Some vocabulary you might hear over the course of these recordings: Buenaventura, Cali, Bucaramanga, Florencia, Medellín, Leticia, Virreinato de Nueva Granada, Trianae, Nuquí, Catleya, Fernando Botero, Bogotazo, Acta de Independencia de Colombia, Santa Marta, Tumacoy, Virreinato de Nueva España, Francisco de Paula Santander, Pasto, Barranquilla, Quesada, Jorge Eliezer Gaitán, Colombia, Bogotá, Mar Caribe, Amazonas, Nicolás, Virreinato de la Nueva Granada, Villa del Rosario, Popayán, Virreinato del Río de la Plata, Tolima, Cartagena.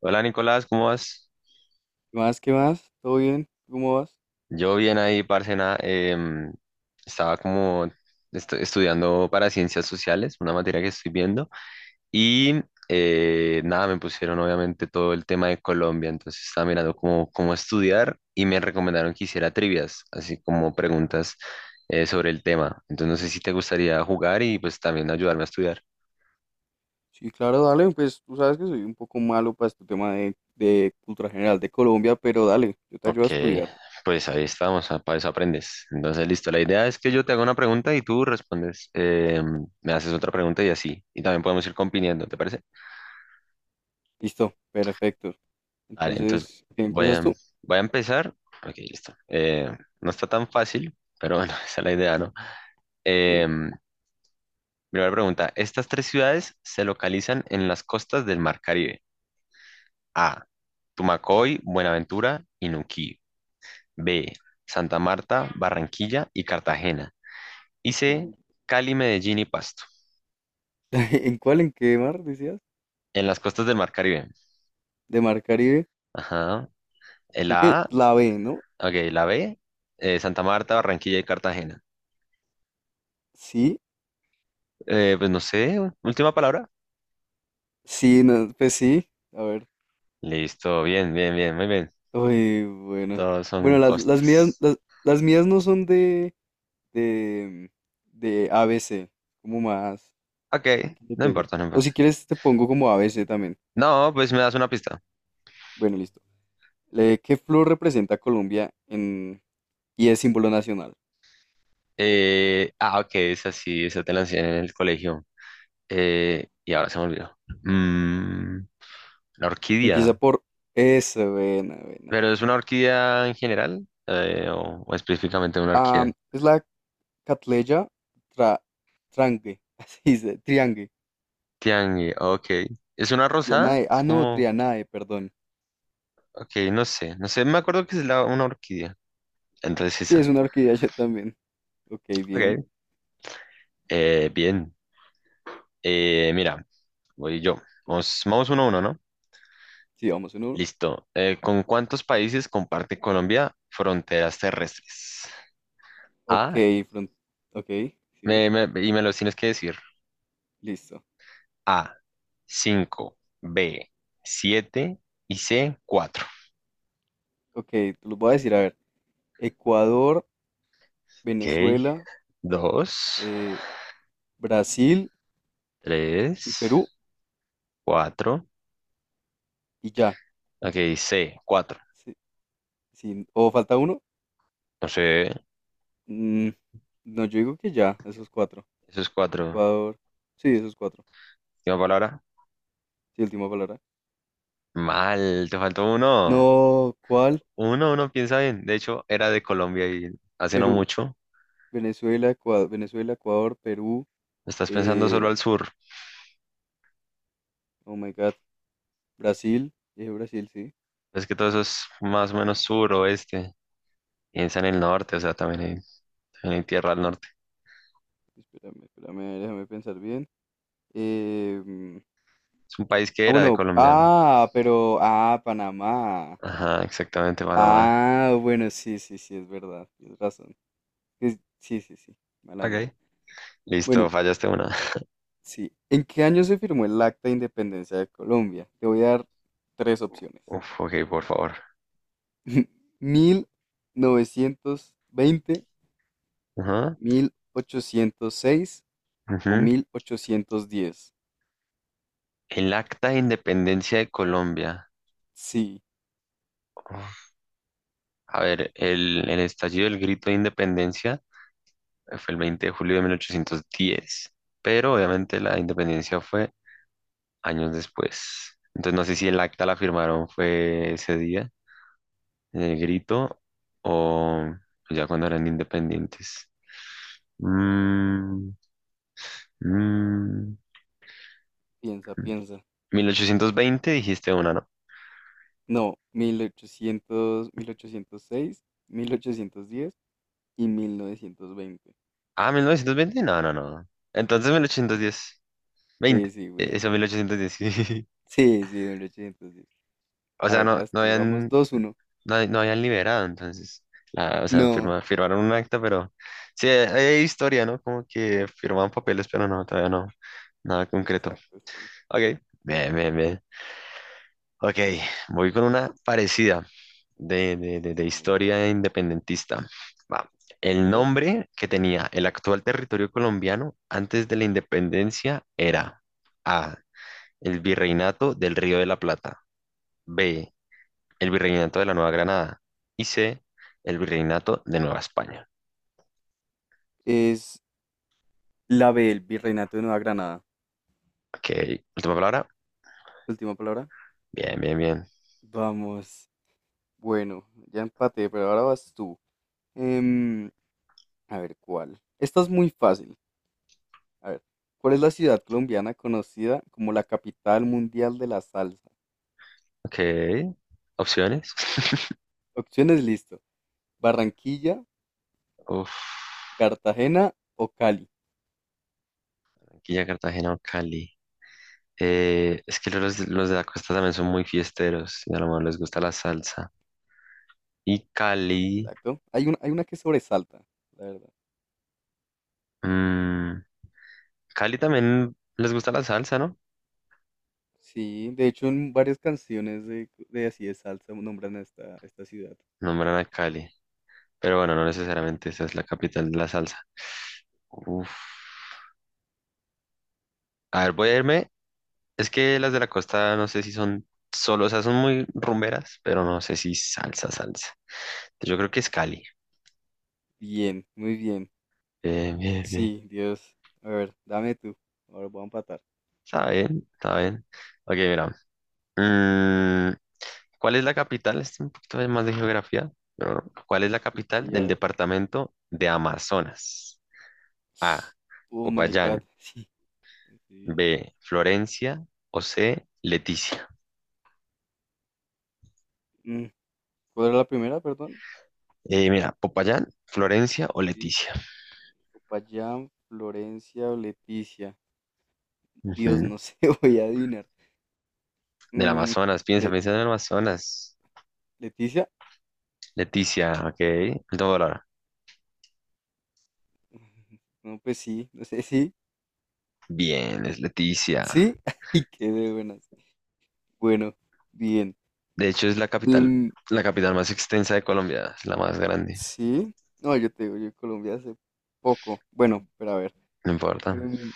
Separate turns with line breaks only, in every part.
Hola Nicolás, ¿cómo vas?
¿Qué más? ¿Qué más? ¿Todo bien? ¿Cómo vas?
Yo bien ahí, parce, em, estaba como estudiando para ciencias sociales, una materia que estoy viendo, y nada, me pusieron obviamente todo el tema de Colombia, entonces estaba mirando cómo estudiar y me recomendaron que hiciera trivias, así como preguntas sobre el tema. Entonces no sé si te gustaría jugar y pues también ayudarme a estudiar.
Sí, claro, dale, pues tú sabes que soy un poco malo para este tema de cultura general de Colombia, pero dale, yo te ayudo
Ok,
a estudiar.
pues ahí estamos, para eso aprendes. Entonces, listo, la idea es que yo te haga una pregunta y tú respondes, me haces otra pregunta y así. Y también podemos ir compitiendo, ¿te parece?
Listo, perfecto.
Vale, entonces
Entonces, ¿qué
voy
empiezas
a,
tú?
voy a empezar. Ok, listo. No está tan fácil, pero bueno, esa es la idea, ¿no?
Ok,
Em, Primera pregunta, estas tres ciudades se localizan en las costas del Mar Caribe. A, Tumacoy, Buenaventura y Nuquí. B, Santa Marta, Barranquilla y Cartagena. Hice
voy.
Cali, Medellín y Pasto,
¿En cuál? ¿En qué mar decías?
en las costas del Mar Caribe.
De Mar Caribe.
Ajá. El
Creo que
A,
la B, ¿no?
ok, la B, Santa Marta, Barranquilla y Cartagena.
Sí,
Pues no sé, última palabra.
sí, no, pues sí. A ver.
Listo, bien, bien, bien, muy bien.
Uy, bueno.
Todos
Bueno,
son
las mías,
costas.
las mías no son de, de A B C como más.
Ok,
Le
no
pegues.
importa, no
O
importa.
si quieres, te pongo como A B C también.
No, pues me das una pista.
Bueno, listo. ¿Qué flor representa a Colombia en y es símbolo nacional?
Ah, ok, esa sí, esa te la enseñé en el colegio. Y ahora se me olvidó. Mm, la
Empieza
orquídea.
por E, S, buena, buena.
¿Pero es una orquídea en general? O específicamente una orquídea?
Es la Catleya tra... Trangue, así dice, Triangue.
Tiangue, ok. ¿Es una rosada?
Trianae,
Es
ah, no,
como,
Trianae, perdón.
ok, no sé, no sé, me acuerdo que es una orquídea. Entonces
Sí, es
esa.
una orquídea yo también. Ok, bien.
Ok. Bien. Mira, voy yo. Vamos, vamos uno a uno, ¿no?
Sí, vamos en uno.
Listo. ¿Con cuántos países comparte Colombia fronteras terrestres?
Ok,
A,
front... ok, sí,
y me los tienes que decir.
listo.
A, 5, B, siete y C, cuatro.
Ok, te los voy a decir, a ver. Ecuador,
Ok,
Venezuela,
2,
eh, Brasil
3,
y Perú
4,
y ya.
ok, C, 4.
Sí, sí, ¿o falta uno?
No sé,
Mm, no, yo digo que ya, esos cuatro.
esos cuatro.
Ecuador. Sí, esos cuatro.
Última palabra.
Sí, última palabra.
Mal, te faltó uno.
No, ¿cuál?
Uno piensa bien. De hecho, era de Colombia y hace no
Perú,
mucho.
Venezuela, Ecuador, Venezuela, Ecuador, Perú.
Estás pensando solo
eh,
al sur.
oh my God. Brasil. Dije Brasil, sí.
Es que todo eso es más o menos sur, oeste. Piensa en el norte, o sea, también hay tierra al norte.
Espérame, espérame, déjame pensar bien. Eh, mm,
Es un país que
ah,
era de
bueno.
Colombia.
Ah, pero. Ah, Panamá.
Ajá, exactamente, Panamá.
Ah, bueno, sí, sí, sí, es verdad. Tienes razón. Sí, sí, sí. Mala mía.
Ok. Listo,
Bueno,
fallaste una.
sí. ¿En qué año se firmó el Acta de Independencia de Colombia? Te voy a dar tres opciones.
Uf, ok, por favor.
mil mil novecientos veinte,
Ajá,
1806 o
ujú.
1810.
El Acta de Independencia de Colombia.
Sí,
Uf. A ver, el estallido del grito de independencia fue el 20 de julio de 1810, pero obviamente la independencia fue años después. Entonces no sé si el acta la firmaron fue ese día, en el grito, o ya cuando eran independientes. Mm, mm,
piensa, piensa.
1820 dijiste una, ¿no?
No, 1806, 1810 y 1920.
Ah, 1920 no, no, no. Entonces 1810, 20,
Sí, sí, bien,
eso
bien.
1810, sí.
Sí, sí, 1810.
O
A
sea,
ver, vas tú, vamos dos, uno.
no, no habían liberado, entonces, la, o sea,
No,
firmaron un acta, pero sí, hay historia, ¿no? Como que firmaban papeles, pero no, todavía no, nada concreto.
exacto. Sí.
Ok, bien, bien, bien. Ok, voy con una parecida de
Oh my God.
historia independentista. Va.
A
El
ver.
nombre que tenía el actual territorio colombiano antes de la independencia era A. El Virreinato del Río de la Plata. B. El Virreinato de la Nueva Granada y C, el Virreinato de Nueva España.
Es la B, el Virreinato de Nueva Granada.
Ok, última palabra.
Última palabra.
Bien, bien, bien.
Vamos. Bueno, ya empaté, pero ahora vas tú. Em, a ver, ¿cuál? Esta es muy fácil. A ver, ¿cuál es la ciudad colombiana conocida como la capital mundial de la salsa?
Ok, opciones.
Opciones, listo. Barranquilla,
Uf,
Cartagena o Cali.
Barranquilla, Cartagena o Cali. Es que los de la costa también son muy fiesteros y a lo mejor les gusta la salsa. Y Cali,
Exacto. Hay una que sobresalta, la verdad.
mm, Cali también les gusta la salsa, ¿no?
Sí, de hecho en varias canciones de así de salsa nombran a esta ciudad.
Nombran a Cali, pero bueno, no necesariamente esa es la capital de la salsa. Uf. A ver, voy a irme. Es que las de la costa no sé si son solo, o sea, son muy rumberas, pero no sé si salsa, salsa. Yo creo que es Cali.
Bien, muy bien.
Bien, bien, bien.
Sí, Dios. A ver, dame tú. Ahora voy a empatar.
Está bien, está bien. Ok, mira. mm, ¿Cuál es la capital? Este es un poquito de más de geografía, pero ¿cuál es la capital
Y ya, a
del
ver.
departamento de Amazonas? A.
Oh my God.
Popayán.
Sí.
B. Florencia. O C. Leticia.
Mm, ¿Cuál era la primera, perdón?
Mira, Popayán, Florencia o
Sí.
Leticia.
Popayán, Florencia o Leticia. Dios,
Ujú.
no sé, voy a adivinar.
Del
Mm,
Amazonas, piensa,
Le-
piensa en el Amazonas.
¿Leticia?
Leticia, ok. Último dólar.
No, pues sí, no sé, sí,
Bien, es Leticia.
sí. Ay, qué de buenas. Bueno, bien.
De hecho, es
Em,
la capital más extensa de Colombia, es la más grande.
sí. No, yo te digo, yo en Colombia hace poco. Bueno, pero a ver.
No importa.
Em,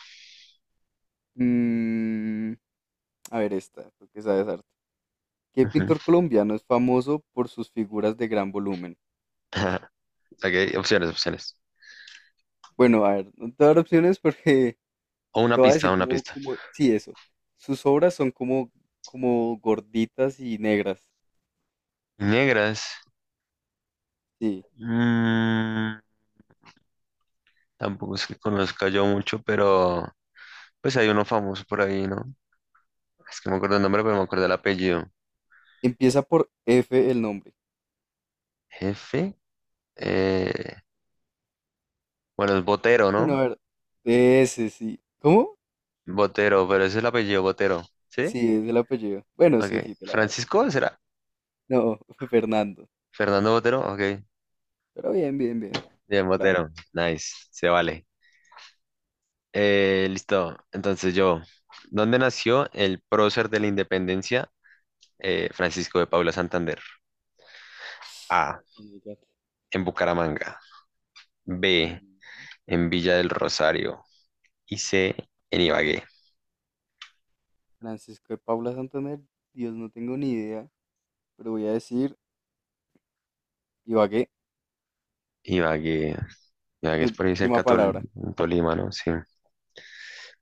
mm, A ver esta, tú que sabes arte. ¿Qué
Ujú.
pintor colombiano es famoso por sus figuras de gran volumen?
Ok, opciones, opciones.
Bueno, a ver, no te voy a dar opciones porque
O una
te voy a
pista,
decir
una
como,
pista.
como, sí, eso. Sus obras son como gorditas y negras.
Negras.
Sí.
mm, Tampoco es que conozca yo mucho, pero pues hay uno famoso por ahí, ¿no? Es que no me acuerdo el nombre, pero me acuerdo el apellido.
Empieza por F el nombre.
Jefe. eh, bueno, es Botero,
Bueno,
¿no?
a ver, de ese sí. ¿Cómo?
Botero, pero ese es el apellido Botero. ¿Sí?
Sí, es el apellido. Bueno,
Ok.
sí, sí, te la valgo.
Francisco, ¿será?
No, Fernando.
Fernando Botero, ok.
Pero bien, bien, bien.
Bien,
Te la valgo.
Botero. Nice, se vale. Listo. Entonces yo, ¿dónde nació el prócer de la independencia? Francisco de Paula Santander. A,
Oh my God.
en Bucaramanga. B,
Mm,
en Villa del Rosario. Y C, en Ibagué.
Francisco de Paula Santander, Dios, no tengo ni idea, pero voy a decir Ibagué,
Ibagué. Ibagué es por ahí
última
cerca de
palabra.
Tolima, ¿no? Sí.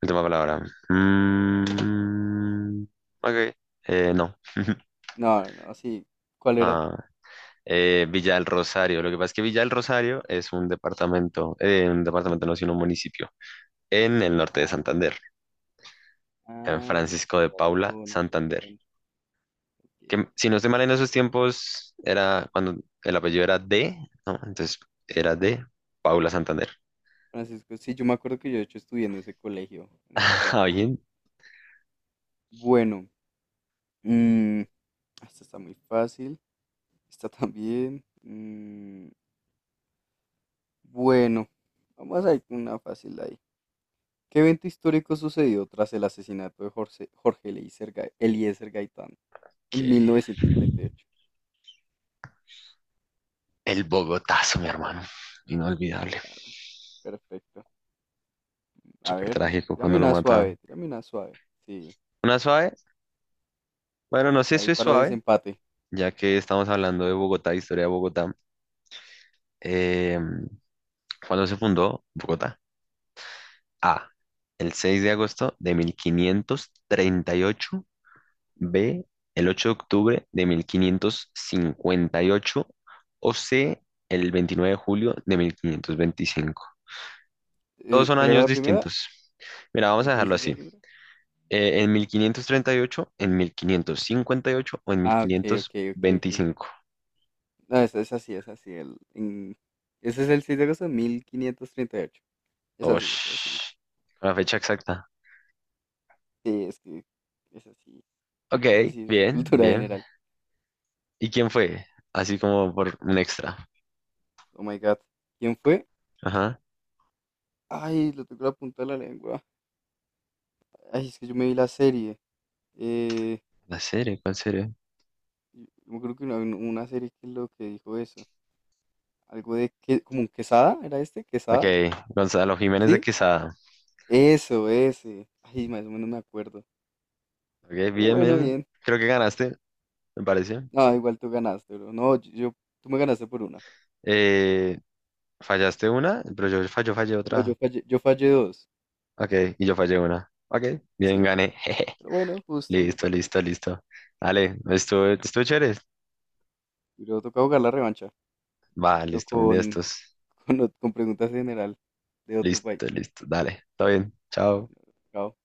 Última palabra. Mm, ok. No.
No, no, sí. ¿Cuál era?
Ah, Villa del Rosario. Lo que pasa es que Villa del Rosario es un departamento no, sino un municipio en el norte de
Ah, ok.
Santander, en
Ah,
Francisco
con
de Paula,
razón, con
Santander.
razón. Ok,
Que
ok.
si no estoy mal en esos tiempos era cuando el apellido era de, ¿no? Entonces era de Paula Santander.
Francisco, sí, yo me acuerdo que yo de hecho estudié en ese colegio, allí en Kennedy.
Alguien
Bueno, mm, esta está muy fácil. Esta también. Bueno, vamos a ir con una fácil ahí. ¿Qué evento histórico sucedió tras el asesinato de Jorge Eliezer Gaitán en
que
1948?
el Bogotazo, mi hermano, inolvidable.
Claro, perfecto. A
Súper
ver,
trágico
tírame
cuando lo
una suave,
mataron.
tírame una suave. Sí,
Una suave, bueno, no sé si
ahí
es
para
suave,
desempate.
ya que estamos hablando de Bogotá, historia de Bogotá. Em, ¿Cuándo se fundó Bogotá? A. El 6 de agosto de 1538. B. El 8 de octubre de 1558. O C. El 29 de julio de 1525. Todos
Eh,
son
¿cuál era
años
la primera?
distintos. Mira, vamos
¿Me
a
me
dejarlo
dices
así.
la primera?
En 1538, en 1558 o en mil
Ah, ok, ok,
quinientos
ok, ok.
veinticinco.
No, es así, es así. Ese es el 6 de agosto de 1538. Es así, es así.
Osh, la fecha exacta.
Sí, es que es así.
Ok,
Es así, es de
bien,
cultura
bien.
general.
¿Y quién fue? Así como por un extra.
Oh my God. ¿Quién fue?
Ajá.
Ay, lo tengo la punta de la lengua. Ay, es que yo me vi la serie. Eh,
¿La serie? ¿Cuál serie?
yo me acuerdo que una serie que lo que dijo eso. Algo de que, como un Quesada, ¿era este?
Ok,
¿Quesada?
Gonzalo Jiménez de
¿Sí?
Quesada.
Eso, ese. Ay, más o menos me acuerdo.
Ok,
Pero
bien,
bueno,
bien.
bien.
Creo que ganaste, me parece.
No, igual tú ganaste, bro. No, tú me ganaste por una.
Eh, Fallaste una, pero yo fallo, fallé
No, yo
otra.
fallé, yo fallé dos.
Ok, y yo fallé una. Ok, bien,
Sí.
gané. Jeje.
Pero bueno, justo, no
Listo,
pasa nada.
listo, listo. Dale, estuvo, estuvo chévere.
Y luego toca jugar la revancha,
Va,
pero
listo, un día
con,
estos.
con preguntas general de otro país.
Listo, listo, dale. Está bien, chao.
Bueno, chao.